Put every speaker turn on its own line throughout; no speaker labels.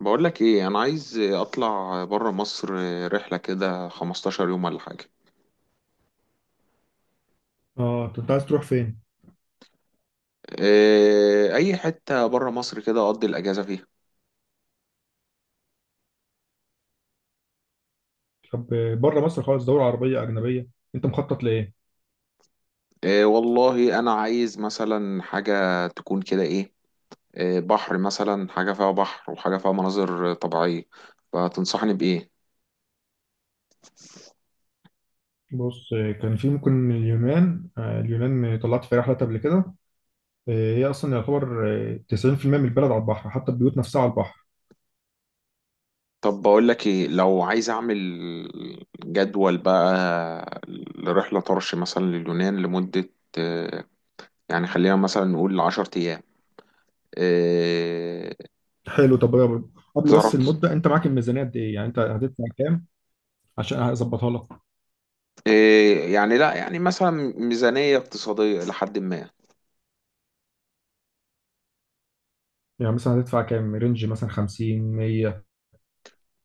بقول لك ايه، انا عايز اطلع بره مصر. رحله كده 15 يوم ولا حاجه.
اه انت عايز تروح فين؟
إيه، اي حته بره مصر كده اقضي الاجازه فيها.
طب، بره مصر خالص، دولة عربية أجنبية. أنت مخطط لإيه؟
إيه والله انا عايز مثلا حاجه تكون كده إيه بحر، مثلا حاجه فيها بحر وحاجه فيها مناظر طبيعيه. فتنصحني بايه؟
بص، كان في ممكن اليونان. اليونان طلعت في رحلة قبل كده. هي أصلا يعتبر آه، 90% من البلد على البحر، حتى البيوت نفسها على البحر.
طب بقول لك ايه، لو عايز اعمل جدول بقى لرحله طرش مثلا لليونان لمده، آه، يعني خلينا مثلا نقول 10 ايام. آه،
حلو. قبل بس
تعرف.
المدة، أنت معاك الميزانية قد إيه؟ يعني أنت هتدفع كام عشان هظبطها لك؟
إيه، يعني لا، يعني مثلا ميزانية اقتصادية لحد ما.
يعني مثلا هتدفع كام؟ رينج مثلا 50، 100.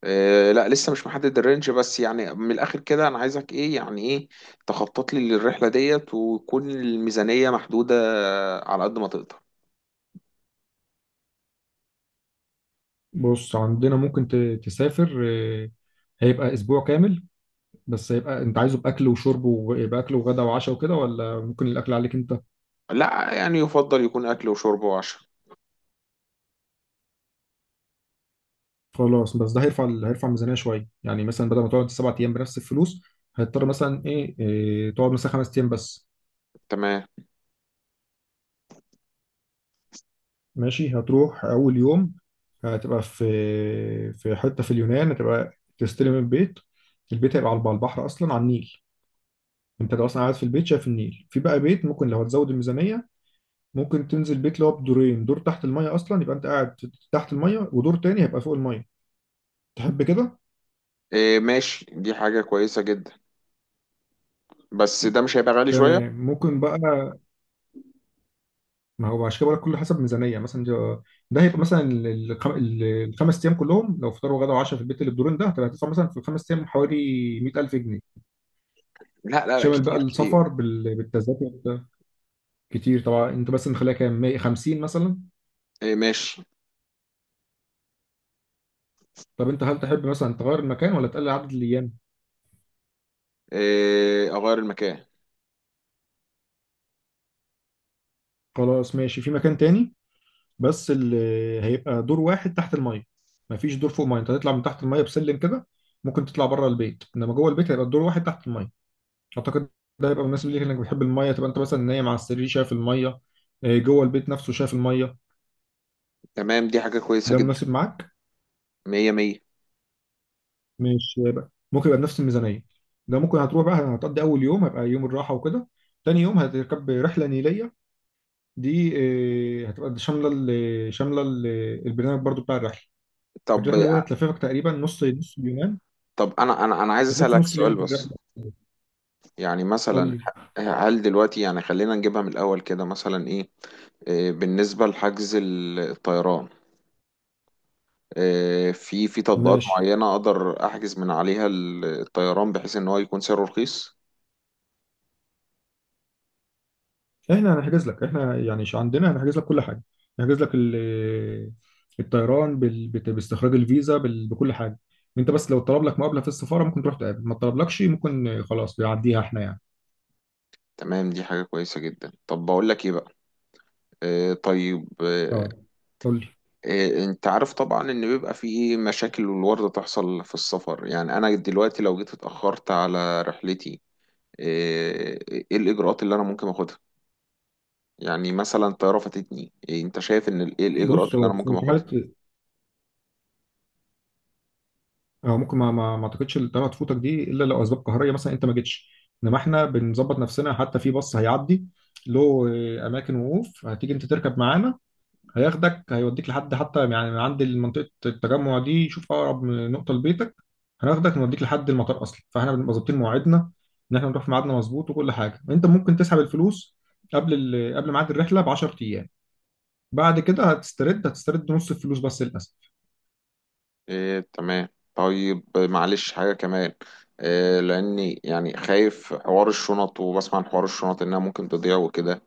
إيه لا، لسه مش محدد الرينج، بس يعني من الآخر كده أنا عايزك إيه يعني، إيه، تخطط لي للرحلة ديت وتكون الميزانية محدودة على قد ما تقدر.
بص، عندنا ممكن تسافر. هيبقى أسبوع كامل. بس يبقى انت عايزه باكل وشرب، ويبقى اكل وغدا وعشاء وكده، ولا ممكن الاكل عليك انت؟
لا، يعني يفضل يكون أكل وشرب وعشاء.
خلاص. بس ده هيرفع الميزانيه شويه. يعني مثلا بدل ما تقعد سبع ايام بنفس الفلوس، هتضطر مثلا ايه, إيه تقعد مثلا خمس ايام بس.
تمام.
ماشي، هتروح اول يوم، هتبقى في في حته في اليونان هتبقى تستلم البيت. البيت هيبقى على البحر، اصلا على النيل. انت لو اصلا قاعد في البيت شايف النيل. في بقى بيت، ممكن لو هتزود الميزانيه، ممكن تنزل بيت اللي هو بدورين، دور تحت الميه اصلا يبقى انت قاعد تحت الميه، ودور تاني هيبقى فوق الميه. تحب كده؟
إيه ماشي، دي حاجة كويسة جدا، بس ده مش هيبقى غالي شوية؟
تمام. ممكن بقى، ما هو عشان كده بقولك كله حسب ميزانيه. مثلا ده، ده هيبقى مثلا الخمس ايام كلهم، لو فطار وغدا وعشاء في البيت اللي بدورين ده، هتدفع مثلا في الخمس ايام حوالي 100000 جنيه.
لا لا لا،
شامل بقى
كتير كتير.
السفر بالتذاكر ده. كتير طبعا، انت مثلا خليها كام؟ 100، 50 مثلا.
إيه ماشي.
طب انت هل تحب مثلا تغير المكان، ولا تقلل عدد الايام؟
إيه، أغير المكان.
خلاص ماشي، في مكان تاني بس، اللي هيبقى دور واحد تحت الميه، مفيش دور فوق الميه. انت هتطلع من تحت الميه بسلم كده. ممكن تطلع بره البيت، انما جوه البيت هيبقى الدور واحد تحت الميه. اعتقد ده هيبقى مناسب ليك، انك بتحب الميه، تبقى انت مثلا نايم على السرير شايف الميه. جوه البيت نفسه شايف الميه.
تمام، دي حاجة كويسة
ده
جدا.
مناسب معاك؟
مية مية.
مش يبقى ممكن يبقى بنفس الميزانيه. ده ممكن هتروح بقى، هتقضي اول يوم هيبقى يوم الراحه وكده. تاني يوم هتركب رحله نيليه. دي هتبقى البرنامج برضو بتاع الرحله.
طب
الرحله دي هتلففك تقريبا نص اليونان.
طب أنا عايز
هتلف
أسألك
نص
سؤال
اليونان في
بس.
الرحله.
يعني
قول
مثلا،
لي
هل دلوقتي، يعني خلينا نجيبها من الأول كده، مثلا إيه، بالنسبة لحجز الطيران، في تطبيقات
ماشي.
معينة أقدر أحجز من عليها الطيران بحيث إن هو يكون سعره رخيص؟
احنا هنحجز لك، احنا يعني عندنا هنحجز لك كل حاجه. هنحجز لك الطيران باستخراج الفيزا بكل حاجه. انت بس لو طلب لك مقابله في السفاره، ممكن تروح تقابل. ما طلبلكش، ممكن خلاص يعديها، احنا يعني.
تمام، دي حاجة كويسة جدا. طب بقول لك إيه بقى، طيب،
اه، قول لي.
أنت عارف طبعا إن بيبقى في إيه مشاكل والوردة تحصل في السفر. يعني أنا دلوقتي لو جيت اتأخرت على رحلتي، إيه الإجراءات اللي أنا ممكن أخدها؟ يعني مثلا طيارة فاتتني، إيه انت شايف ان ايه الاجراءات
بص،
اللي
هو
انا ممكن
في
اخدها؟
حاله. اه، ممكن ما اعتقدش الطياره تفوتك دي الا لو اسباب قهريه، مثلا انت ما جيتش. انما احنا بنظبط نفسنا، حتى في باص هيعدي له اماكن وقوف، هتيجي انت تركب معانا. هياخدك هيوديك لحد، حتى يعني من عند منطقة التجمع دي، شوف أقرب من نقطة لبيتك، هناخدك نوديك لحد المطار أصلا. فاحنا بنبقى ظابطين مواعيدنا إن احنا نروح في ميعادنا مظبوط. وكل حاجة، أنت ممكن تسحب الفلوس قبل ميعاد الرحلة ب 10 أيام. بعد كده هتسترد نص الفلوس بس للأسف.
إيه تمام. طيب معلش، حاجة كمان، إيه، لاني يعني خايف حوار الشنط، وبسمع عن حوار الشنط انها ممكن تضيع وكده.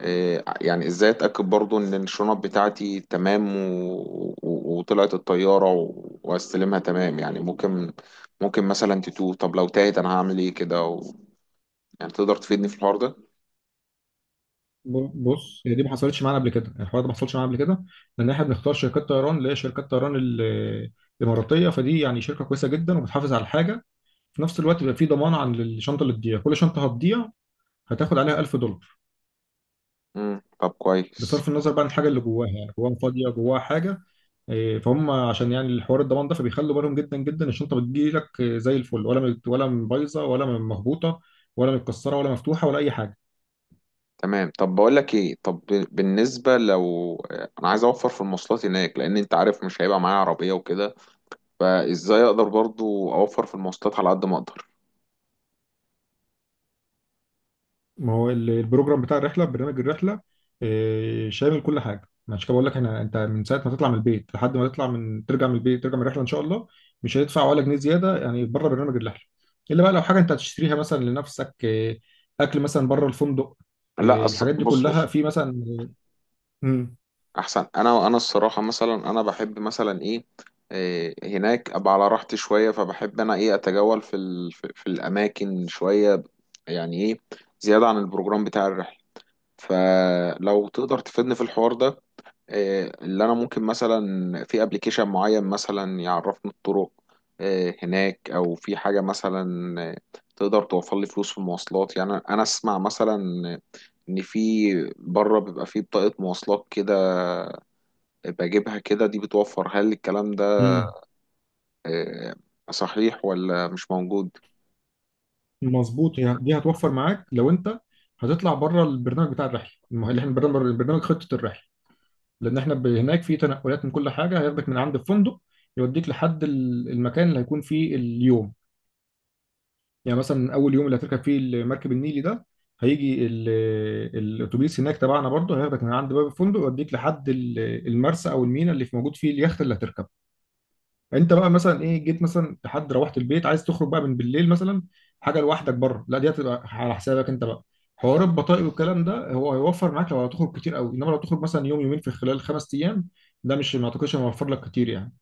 إيه، يعني ازاي اتأكد برضو ان الشنط بتاعتي تمام وطلعت الطيارة واستلمها تمام. يعني ممكن، ممكن مثلا تتوه. طب لو تاهت انا هعمل ايه كده يعني تقدر تفيدني في الحوار ده؟
بص، هي دي ما حصلتش معانا قبل كده. الحوار ده ما حصلش معانا قبل كده، لأن احنا بنختار شركات طيران اللي هي شركات طيران الإماراتية. فدي يعني شركة كويسة جدا وبتحافظ على الحاجة. في نفس الوقت بيبقى في ضمان عن الشنطه اللي تضيع. كل شنطه هتضيع، هتاخد عليها 1000 دولار.
مم. طب كويس.
بصرف النظر بقى عن الحاجه اللي جواها، يعني جواها فاضيه، جواها حاجه. فهم عشان يعني الحوار الضمان ده، فبيخلوا بالهم جدا جدا. الشنطه بتجيلك زي الفل، ولا بايظه ولا مهبوطه ولا متكسره ولا مفتوحه ولا اي حاجه.
تمام. طب بقول لك ايه، طب بالنسبه لو انا عايز اوفر في المواصلات هناك، لان انت عارف مش هيبقى معايا عربيه وكده. فازاي اقدر برضو اوفر في المواصلات على قد ما اقدر؟
ما هو البروجرام بتاع الرحله، برنامج الرحله شامل كل حاجه. ما عشان كده بقول لك، احنا انت من ساعه ما تطلع من البيت لحد ما تطلع من ترجع من البيت، ترجع من الرحله ان شاء الله، مش هتدفع ولا جنيه زياده، يعني بره برنامج الرحله. الا بقى لو حاجه انت هتشتريها مثلا لنفسك، اكل مثلا بره الفندق.
لا أص...
الحاجات دي
بص
كلها
بص.
في مثلا. امم
احسن انا، انا الصراحه مثلا، انا بحب مثلا ايه، إيه، هناك ابقى على راحتي شويه، فبحب انا ايه، اتجول في ال... في في الاماكن شويه، يعني ايه، زياده عن البروجرام بتاع الرحله. فلو تقدر تفيدني في الحوار ده، اللي انا ممكن مثلا في ابلكيشن معين مثلا يعرفني الطرق هناك، او في حاجه مثلا تقدر توفر لي فلوس في المواصلات. يعني انا، أنا اسمع مثلا ان في بره بيبقى في بطاقه مواصلات كده، بجيبها كده دي بتوفر. هل الكلام ده
امم
صحيح، ولا مش موجود؟
مظبوط. دي هتوفر معاك لو انت هتطلع بره البرنامج بتاع الرحله اللي احنا البرنامج خطه الرحله. لان احنا هناك في تنقلات من كل حاجه. هياخدك من عند الفندق، يوديك لحد المكان اللي هيكون فيه اليوم. يعني مثلا اول يوم اللي هتركب فيه المركب النيلي ده، هيجي الاتوبيس هناك تبعنا، برضه هياخدك من عند باب الفندق، يوديك لحد المرسى او الميناء اللي في موجود فيه اليخت اللي هتركبه. انت بقى مثلا جيت مثلا لحد روحت البيت، عايز تخرج بقى من بالليل مثلا حاجه لوحدك بره، لا دي هتبقى على حسابك انت بقى. حوار البطائق والكلام ده، هو هيوفر معاك لو هتخرج كتير قوي. انما لو تخرج مثلا يوم يومين في خلال خمس ايام، ده مش، ما اعتقدش هيوفر لك كتير يعني.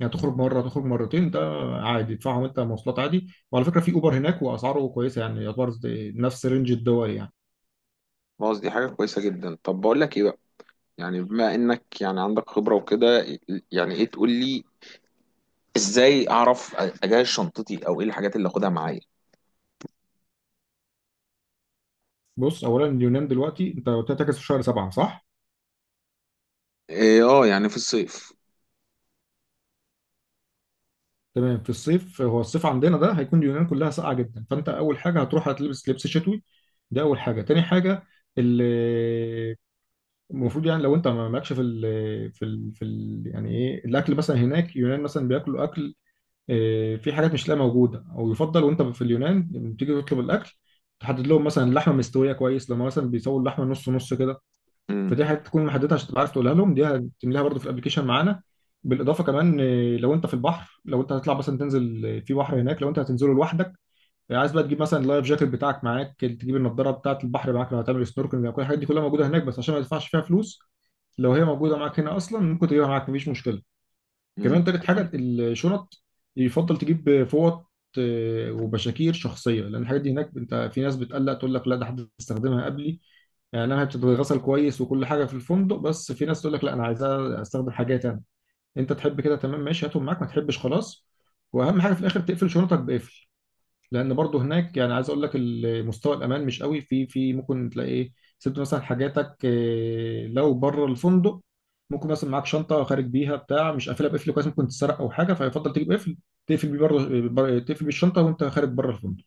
يعني تخرج مره، تخرج مرتين، ده عادي تدفعهم انت مواصلات عادي. وعلى فكره في اوبر هناك، واسعاره كويسه يعني، يعتبر نفس رينج الدول يعني.
خلاص، دي حاجه كويسه جدا. طب بقول لك ايه بقى، يعني بما انك يعني عندك خبره وكده، يعني ايه تقول لي ازاي اعرف اجهز شنطتي، او ايه الحاجات اللي اخدها معايا؟
بص اولا، اليونان دلوقتي انت قلت لي هتحجز في شهر سبعه، صح؟
إيه، اه يعني في الصيف.
تمام، في الصيف. هو الصيف عندنا ده هيكون اليونان كلها ساقعه جدا. فانت اول حاجه هتروح هتلبس لبس شتوي، ده اول حاجه. تاني حاجه ال- المفروض، يعني لو انت ما مالكش في ال، يعني الاكل مثلا هناك. يونان مثلا بياكلوا اكل، في حاجات مش لا موجوده. او يفضل وانت في اليونان لما تيجي تطلب الاكل، تحدد لهم مثلا اللحمه مستويه كويس، لما مثلا بيسووا اللحمه نص كده.
امم.
فدي حاجات تكون محددها عشان تبقى عارف تقولها لهم، دي هتملاها برضو في الابلكيشن معانا. بالاضافه كمان، لو انت في البحر، لو انت هتطلع مثلا تنزل في بحر هناك، لو انت هتنزله لوحدك، عايز بقى تجيب مثلا اللايف جاكيت بتاعك معاك، تجيب النضاره بتاعه البحر معاك لو هتعمل سنوركلينج. او كل الحاجات دي كلها موجوده هناك، بس عشان ما تدفعش فيها فلوس، لو هي موجوده معاك هنا اصلا ممكن تجيبها معاك مفيش مشكله.
امم.
كمان تالت حاجه،
تمام.
الشنط، يفضل تجيب فوط وبشاكير شخصيه. لان الحاجات دي هناك، انت في ناس بتقلق تقول لك لا ده حد استخدمها قبلي. يعني انا هتتغسل كويس وكل حاجه في الفندق، بس في ناس تقول لك لا انا عايزها استخدم حاجات انا. انت تحب كده، تمام ماشي، هاتهم معاك. ما تحبش خلاص. واهم حاجه في الاخر، تقفل شنطك بقفل. لان برضو هناك، يعني عايز اقول لك مستوى الامان مش قوي، في، في ممكن تلاقي سبت مثلا حاجاتك لو بره الفندق. ممكن مثلا معاك شنطه خارج بيها بتاع مش قافلها بقفل كويس، ممكن تتسرق او حاجه. فيفضل تجيب قفل تقفل بيه بره، تقفل بالشنطه وانت خارج بره الفندق.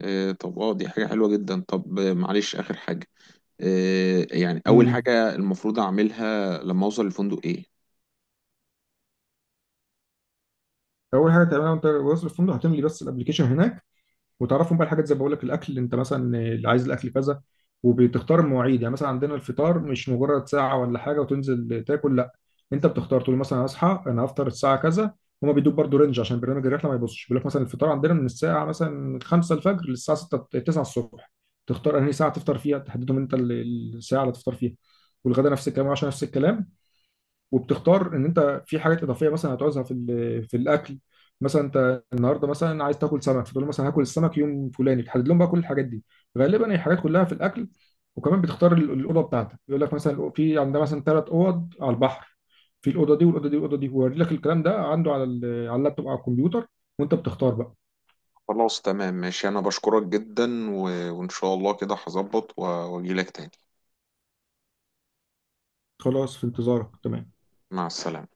إيه، طب اه دي حاجة حلوة جدا. طب معلش، آخر حاجة، إيه، يعني أول
امم
حاجة المفروض أعملها لما أوصل الفندق إيه؟
اول حاجه تعملها وانت واصل الفندق، هتملي بس الابلكيشن هناك، وتعرفهم بقى الحاجات زي ما بقول لك، الاكل انت مثلا اللي عايز الاكل كذا. وبتختار المواعيد، يعني مثلا عندنا الفطار مش مجرد ساعه ولا حاجه وتنزل تاكل، لا انت بتختار، تقول مثلا هصحى انا هفطر الساعه كذا. هما بيدوك برضه رينج، عشان برنامج الرحله ما يبصش، بيقول لك مثلا الفطار عندنا من الساعه مثلا 5 الفجر للساعه 6، 9 الصبح، تختار انهي ساعه تفطر فيها، تحددهم انت الساعه اللي تفطر فيها. والغدا نفس الكلام، وعشان نفس الكلام. وبتختار ان انت في حاجات اضافيه مثلا هتعوزها في الاكل. مثلا انت النهارده مثلا عايز تاكل سمك، فتقول له مثلا هاكل السمك يوم فلاني، تحدد لهم بقى كل الحاجات دي. غالبا هي حاجات كلها في الاكل. وكمان بتختار الاوضه بتاعتك. يقول لك مثلا في عندنا مثلا ثلاث اوض على البحر، في الاوضه دي والاوضه دي والاوضه دي، ويوري لك الكلام ده عنده على على اللابتوب او على الكمبيوتر. وانت بتختار بقى.
خلاص تمام ماشي، أنا بشكرك جدا وإن شاء الله كده هظبط وأجيلك تاني.
خلاص، في انتظارك، تمام.
مع السلامة.